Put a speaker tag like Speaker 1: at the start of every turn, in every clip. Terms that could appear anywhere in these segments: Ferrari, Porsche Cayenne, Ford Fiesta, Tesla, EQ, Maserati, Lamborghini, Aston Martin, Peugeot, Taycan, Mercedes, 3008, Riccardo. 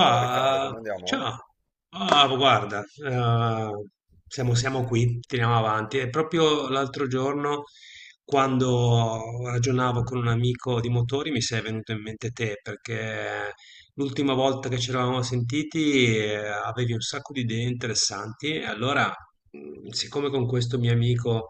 Speaker 1: Ciao Riccardo, come andiamo?
Speaker 2: ciao. Ah, guarda, siamo qui, tiriamo avanti. E proprio l'altro giorno, quando ragionavo con un amico di motori, mi sei venuto in mente te, perché l'ultima volta che ci eravamo sentiti, avevi un sacco di idee interessanti. E allora, siccome con questo mio amico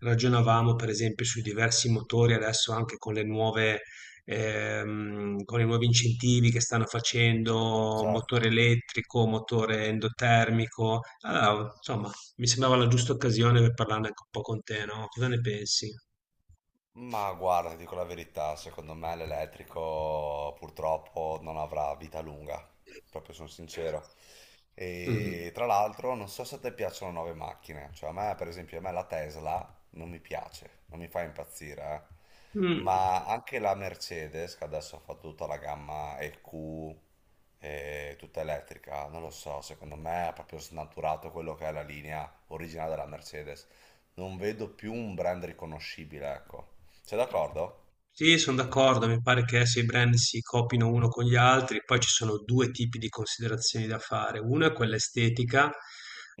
Speaker 2: ragionavamo per esempio sui diversi motori adesso anche con le nuove, con i nuovi incentivi che stanno facendo,
Speaker 1: Ciao.
Speaker 2: motore elettrico, motore endotermico. Allora, insomma, mi sembrava la giusta occasione per parlarne anche un po' con te, no? Cosa ne pensi?
Speaker 1: Ma guarda, ti dico la verità, secondo me l'elettrico purtroppo non avrà vita lunga, proprio sono sincero.
Speaker 2: Mm.
Speaker 1: E tra l'altro non so se a te piacciono nuove macchine, cioè a me per esempio a me la Tesla non mi piace, non mi fa impazzire, eh.
Speaker 2: Mm.
Speaker 1: Ma anche la Mercedes, che adesso ha fatto tutta la gamma EQ, tutta elettrica, non lo so, secondo me ha proprio snaturato quello che è la linea originale della Mercedes. Non vedo più un brand riconoscibile, ecco. Sei d'accordo?
Speaker 2: Sì, sono d'accordo, mi pare che se i brand si copino uno con gli altri, poi ci sono due tipi di considerazioni da fare. Una è quella estetica,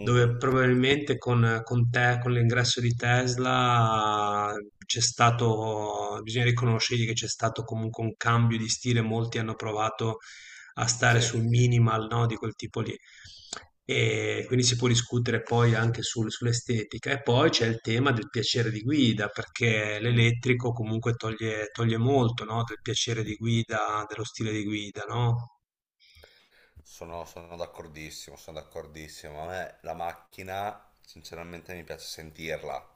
Speaker 2: dove probabilmente con te, con l'ingresso di Tesla c'è stato, bisogna riconoscergli che c'è stato comunque un cambio di stile, molti hanno provato a stare
Speaker 1: Sì.
Speaker 2: sul minimal, no, di quel tipo lì. E quindi si può discutere poi anche sull'estetica. E poi c'è il tema del piacere di guida, perché
Speaker 1: Mm.
Speaker 2: l'elettrico comunque toglie molto, no? Del piacere di guida, dello stile di guida, no?
Speaker 1: Sono, sono d'accordissimo, sono d'accordissimo. A me la macchina, sinceramente, mi piace sentirla.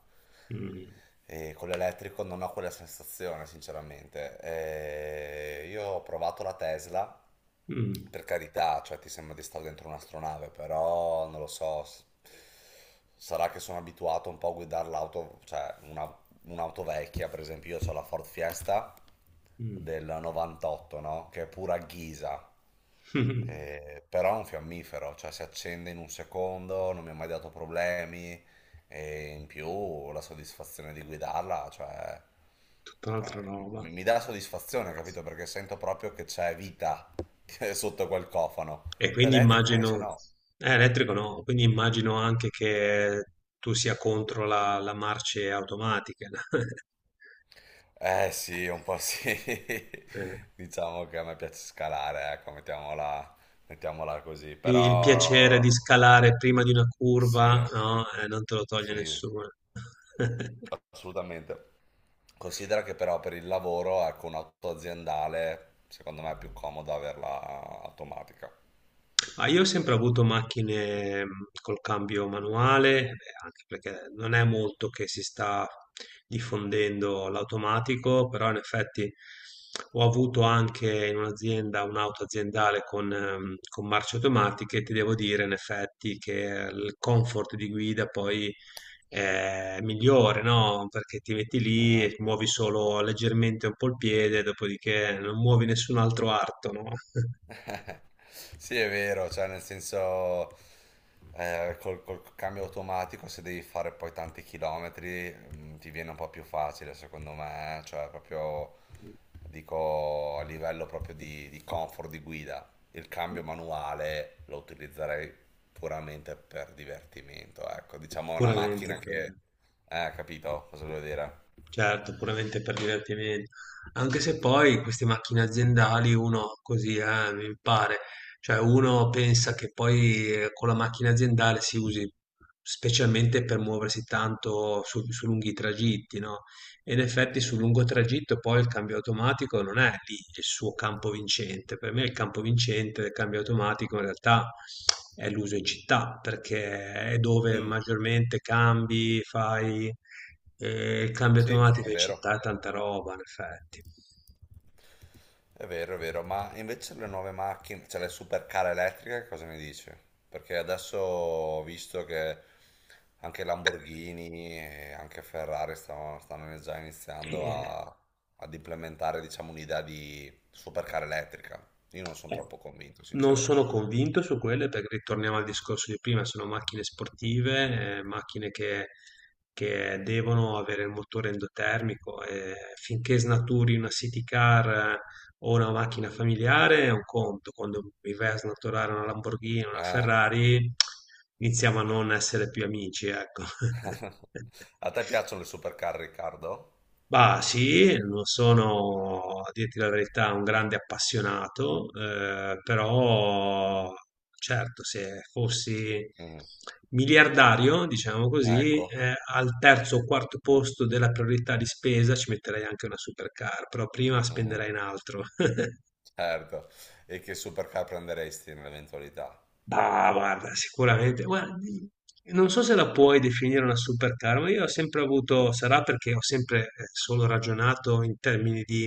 Speaker 2: Mm,
Speaker 1: E con l'elettrico non ho quella sensazione, sinceramente. Io ho provato la Tesla,
Speaker 2: mm,
Speaker 1: per carità, cioè ti sembra di stare dentro un'astronave, però non lo so. Sarà che sono abituato un po' a guidare l'auto, cioè un'auto vecchia, per esempio io ho la Ford Fiesta
Speaker 2: mm.
Speaker 1: del 98, no? Che è pura ghisa. Però è un fiammifero, cioè si accende in un secondo, non mi ha mai dato problemi e in più la soddisfazione di guidarla, cioè,
Speaker 2: Tutta un'altra
Speaker 1: cioè,
Speaker 2: roba.
Speaker 1: mi dà soddisfazione, capito? Perché sento proprio che c'è vita sotto quel cofano.
Speaker 2: E quindi
Speaker 1: L'elettrico invece
Speaker 2: immagino,
Speaker 1: no.
Speaker 2: elettrico no, quindi immagino anche che tu sia contro la marce automatica.
Speaker 1: Eh sì, un po' sì.
Speaker 2: Eh.
Speaker 1: Diciamo che a me piace scalare, ecco, mettiamola così.
Speaker 2: Sì, il piacere di
Speaker 1: Però
Speaker 2: scalare prima di una
Speaker 1: sì,
Speaker 2: curva, no, non te lo toglie
Speaker 1: sì,
Speaker 2: nessuno.
Speaker 1: assolutamente. Considera che però per il lavoro, ecco, un'auto aziendale, secondo me è più comodo averla automatica.
Speaker 2: Ma io ho sempre avuto macchine col cambio manuale, anche perché non è molto che si sta diffondendo l'automatico, però in effetti ho avuto anche in un'azienda un'auto aziendale con marce automatiche e ti devo dire in effetti che il comfort di guida poi è migliore, no? Perché ti metti lì
Speaker 1: Eh.
Speaker 2: e muovi solo leggermente un po' il piede, dopodiché non muovi nessun altro arto, no?
Speaker 1: Sì, è vero, cioè nel senso col cambio automatico se devi fare poi tanti chilometri, ti viene un po' più facile secondo me, cioè proprio dico a livello proprio di comfort di guida. Il cambio manuale lo utilizzerei puramente per divertimento, ecco, diciamo una
Speaker 2: Puramente.
Speaker 1: macchina che. Capito cosa voglio dire?
Speaker 2: Certo, puramente per divertimento. Anche se poi queste macchine aziendali uno così, mi pare, cioè uno pensa che poi con la macchina aziendale si usi specialmente per muoversi tanto su lunghi tragitti, no? E in effetti sul lungo tragitto poi il cambio automatico non è lì il suo campo vincente. Per me il campo vincente del cambio automatico in realtà è l'uso in città, perché è dove
Speaker 1: Mm,
Speaker 2: maggiormente cambi, fai il cambio
Speaker 1: sì,
Speaker 2: automatico
Speaker 1: è
Speaker 2: in
Speaker 1: vero.
Speaker 2: città è tanta roba in effetti.
Speaker 1: È vero, è vero, ma invece le nuove macchine, cioè le supercar elettriche, cosa ne dici? Perché adesso ho visto che anche Lamborghini e anche Ferrari stanno, già iniziando
Speaker 2: E
Speaker 1: ad implementare, diciamo, un'idea di supercar elettrica. Io non sono
Speaker 2: eh,
Speaker 1: troppo convinto,
Speaker 2: non
Speaker 1: sincero.
Speaker 2: sono convinto su quelle perché ritorniamo al discorso di prima, sono macchine sportive, macchine che devono avere il motore endotermico e finché snaturi una city car eh, o una macchina familiare è un conto, quando mi vai a snaturare una Lamborghini, una
Speaker 1: Eh.
Speaker 2: Ferrari iniziamo a non essere più amici, ecco.
Speaker 1: A te piacciono le supercar, Riccardo?
Speaker 2: Bah sì, non sono, a dirti la verità, un grande appassionato, però certo, se fossi
Speaker 1: Mm.
Speaker 2: miliardario, diciamo così,
Speaker 1: Ecco.
Speaker 2: al terzo o quarto posto della priorità di spesa ci metterei anche una supercar, però prima
Speaker 1: Mm.
Speaker 2: spenderei in altro.
Speaker 1: Certo. E che supercar prenderesti nell'eventualità?
Speaker 2: Bah, guarda, sicuramente, guardi, non so se la puoi definire una supercar, ma io ho sempre avuto, sarà perché ho sempre solo ragionato in termini di,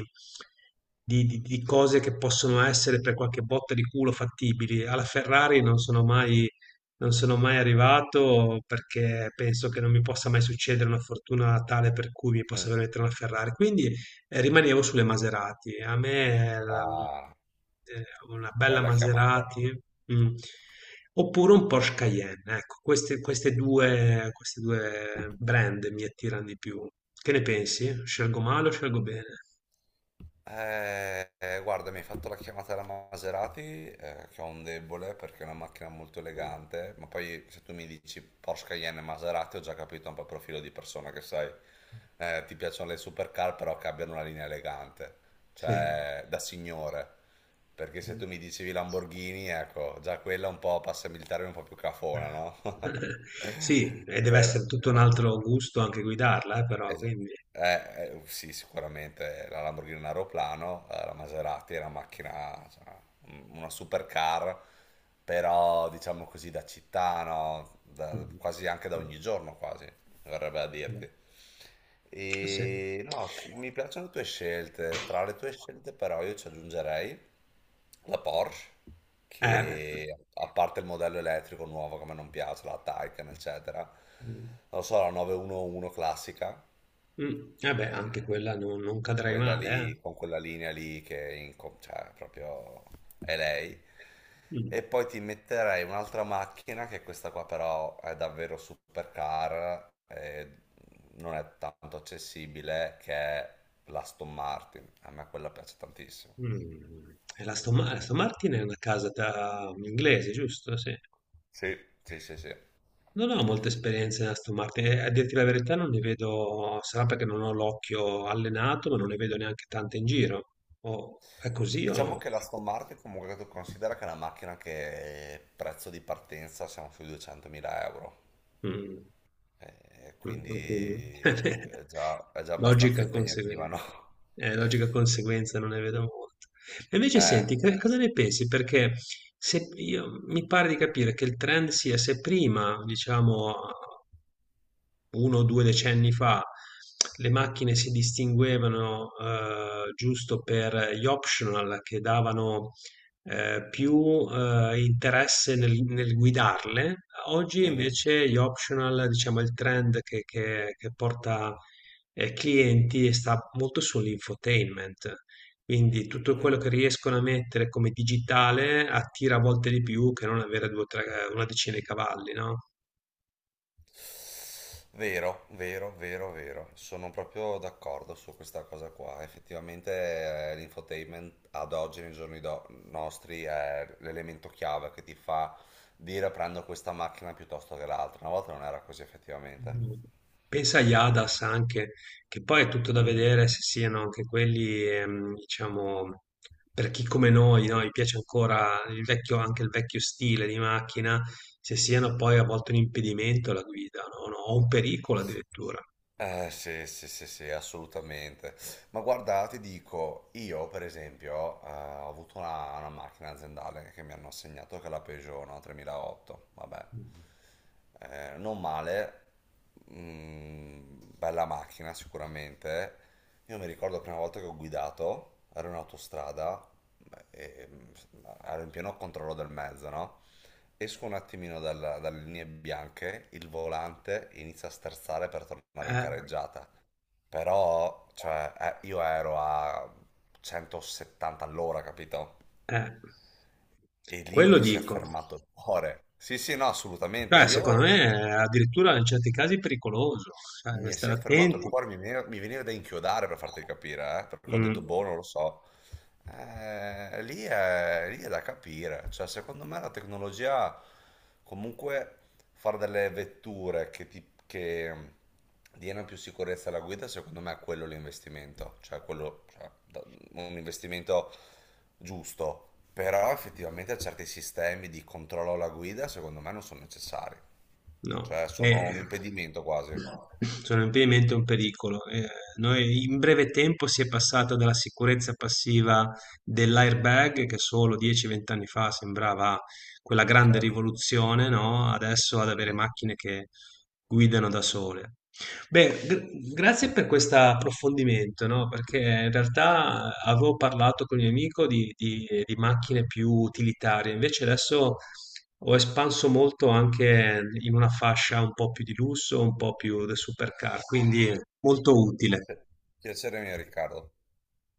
Speaker 2: di cose che possono essere per qualche botta di culo fattibili. Alla Ferrari non sono mai arrivato perché penso che non mi possa mai succedere una fortuna tale per cui mi possa
Speaker 1: Mm.
Speaker 2: permettere una Ferrari. Quindi. E rimanevo sulle Maserati. A me la
Speaker 1: Ah,
Speaker 2: una bella
Speaker 1: bella chiamata.
Speaker 2: Maserati, mh, oppure un Porsche Cayenne. Ecco, queste 2 brand mi attirano di più. Che ne pensi? Scelgo male o scelgo bene?
Speaker 1: Guarda, mi hai fatto la chiamata alla Maserati, che ho un debole perché è una macchina molto elegante, ma poi se tu mi dici Porsche Cayenne e Maserati ho già capito un po' il profilo di persona che sei. Ti piacciono le supercar però che abbiano una linea elegante,
Speaker 2: Sì.
Speaker 1: cioè da signore. Perché se tu mi dicevi Lamborghini, ecco, già quella un po' passa militare un po' più cafona, no?
Speaker 2: Sì, e deve
Speaker 1: Però...
Speaker 2: essere tutto un
Speaker 1: eh,
Speaker 2: altro gusto anche guidarla, però,
Speaker 1: gi-
Speaker 2: quindi.
Speaker 1: sì, sicuramente la Lamborghini è un aeroplano, la Maserati è una macchina, cioè, una supercar, però diciamo così da città, no? Da-
Speaker 2: Mh.
Speaker 1: quasi anche da ogni giorno, quasi, verrebbe a
Speaker 2: Mh.
Speaker 1: dirti.
Speaker 2: Sì.
Speaker 1: E no, mi piacciono le tue scelte, tra le tue scelte però io ci aggiungerei la Porsche,
Speaker 2: Beh.
Speaker 1: che a parte il modello elettrico nuovo che a me non piace, la Taycan, eccetera, non
Speaker 2: Mh.
Speaker 1: lo so, la 911 classica.
Speaker 2: Mh. Beh, anche
Speaker 1: Eh,
Speaker 2: quella non cadrai
Speaker 1: quella
Speaker 2: male, eh.
Speaker 1: lì, con quella linea lì che è cioè, proprio è lei.
Speaker 2: Mh.
Speaker 1: E poi ti metterei un'altra macchina, che questa qua però è davvero supercar, e non è tanto accessibile, che è l'Aston Martin. A me quella piace tantissimo.
Speaker 2: Mh. E la Aston Martin è una casa ta inglese, giusto? Sì.
Speaker 1: Sì, sì, sì, sì.
Speaker 2: Non ho molte esperienze in Aston Martin e a dirti la verità non ne vedo sarà perché non ho l'occhio allenato, ma non ne vedo neanche tante in giro. O è così o
Speaker 1: Diciamo
Speaker 2: no?
Speaker 1: che l'Aston Martin comunque tu considera che è una macchina che prezzo di partenza siamo sui 200.000 euro.
Speaker 2: Mh.
Speaker 1: Eh,
Speaker 2: Mh, e quindi
Speaker 1: quindi è già abbastanza
Speaker 2: logica conseguen
Speaker 1: impegnativa, no?
Speaker 2: logica conseguenza non ne vedo molte. E invece
Speaker 1: Eh.
Speaker 2: senti, che cosa ne pensi? Perché se io mi pare di capire che il trend sia se prima, diciamo 1 o 2 decenni fa le macchine si distinguevano, giusto per gli optional che davano, più, interesse nel guidarle. Oggi
Speaker 1: Mhm.
Speaker 2: invece gli optional, diciamo è il trend che porta, clienti e sta molto sull'infotainment. Quindi tutto
Speaker 1: Mm.
Speaker 2: quello che riescono a mettere come digitale attira a volte di più che non avere 2 o 3 una decina di cavalli, no?
Speaker 1: Vero, vero, vero, vero. Sono proprio d'accordo su questa cosa qua. Effettivamente, l'infotainment ad oggi, nei giorni nostri, è l'elemento chiave che ti fa dire prendo questa macchina piuttosto che l'altra. Una volta non era così, effettivamente.
Speaker 2: No. Pensa agli Hadas anche, che poi è tutto da vedere se siano anche quelli, diciamo, per chi come noi, no? Gli piace ancora il vecchio, anche il vecchio stile di macchina, se siano poi a volte un impedimento alla guida, no? No, o un pericolo addirittura.
Speaker 1: Sì, sì, sì, sì, assolutamente. Ma guarda, ti dico, io per esempio ho avuto una macchina aziendale che mi hanno assegnato, che è la Peugeot, no? 3008, vabbè. Non male, bella macchina sicuramente. Io mi ricordo la prima volta che ho guidato, ero in autostrada, beh, ero in pieno controllo del mezzo, no? Esco un attimino dalle linee bianche, il volante inizia a sterzare per tornare in
Speaker 2: Eh,
Speaker 1: careggiata. Però, cioè, io ero a 170 all'ora, capito?
Speaker 2: eh,
Speaker 1: E lì
Speaker 2: Quello
Speaker 1: mi si è
Speaker 2: dico.
Speaker 1: fermato il cuore. Sì, sì, no, assolutamente.
Speaker 2: Cioè, secondo
Speaker 1: Io
Speaker 2: me è addirittura in certi casi pericoloso, cioè, da
Speaker 1: mi si
Speaker 2: stare
Speaker 1: è fermato il
Speaker 2: attenti.
Speaker 1: cuore, mi veniva da inchiodare per farti capire, perché ho detto,
Speaker 2: Mm.
Speaker 1: boh, non lo so. Lì è da capire, cioè secondo me la tecnologia, comunque fare delle vetture che diano più sicurezza alla guida, secondo me è quello l'investimento, cioè, quello, cioè, un investimento giusto, però effettivamente certi sistemi di controllo alla guida, secondo me non sono necessari,
Speaker 2: No,
Speaker 1: cioè sono un impedimento quasi.
Speaker 2: sono ampiamente un pericolo. Noi in breve tempo si è passata dalla sicurezza passiva dell'airbag, che solo 10-20 anni fa sembrava quella grande
Speaker 1: Certo.
Speaker 2: rivoluzione, no? Adesso ad avere
Speaker 1: Mm.
Speaker 2: macchine che guidano da sole. Beh, grazie per questo approfondimento, no? Perché in realtà avevo parlato con il mio amico di, di macchine più utilitarie, invece adesso ho espanso molto anche in una fascia un po' più di lusso, un po' più da supercar, quindi molto utile.
Speaker 1: Pi- Piacere mio, Riccardo.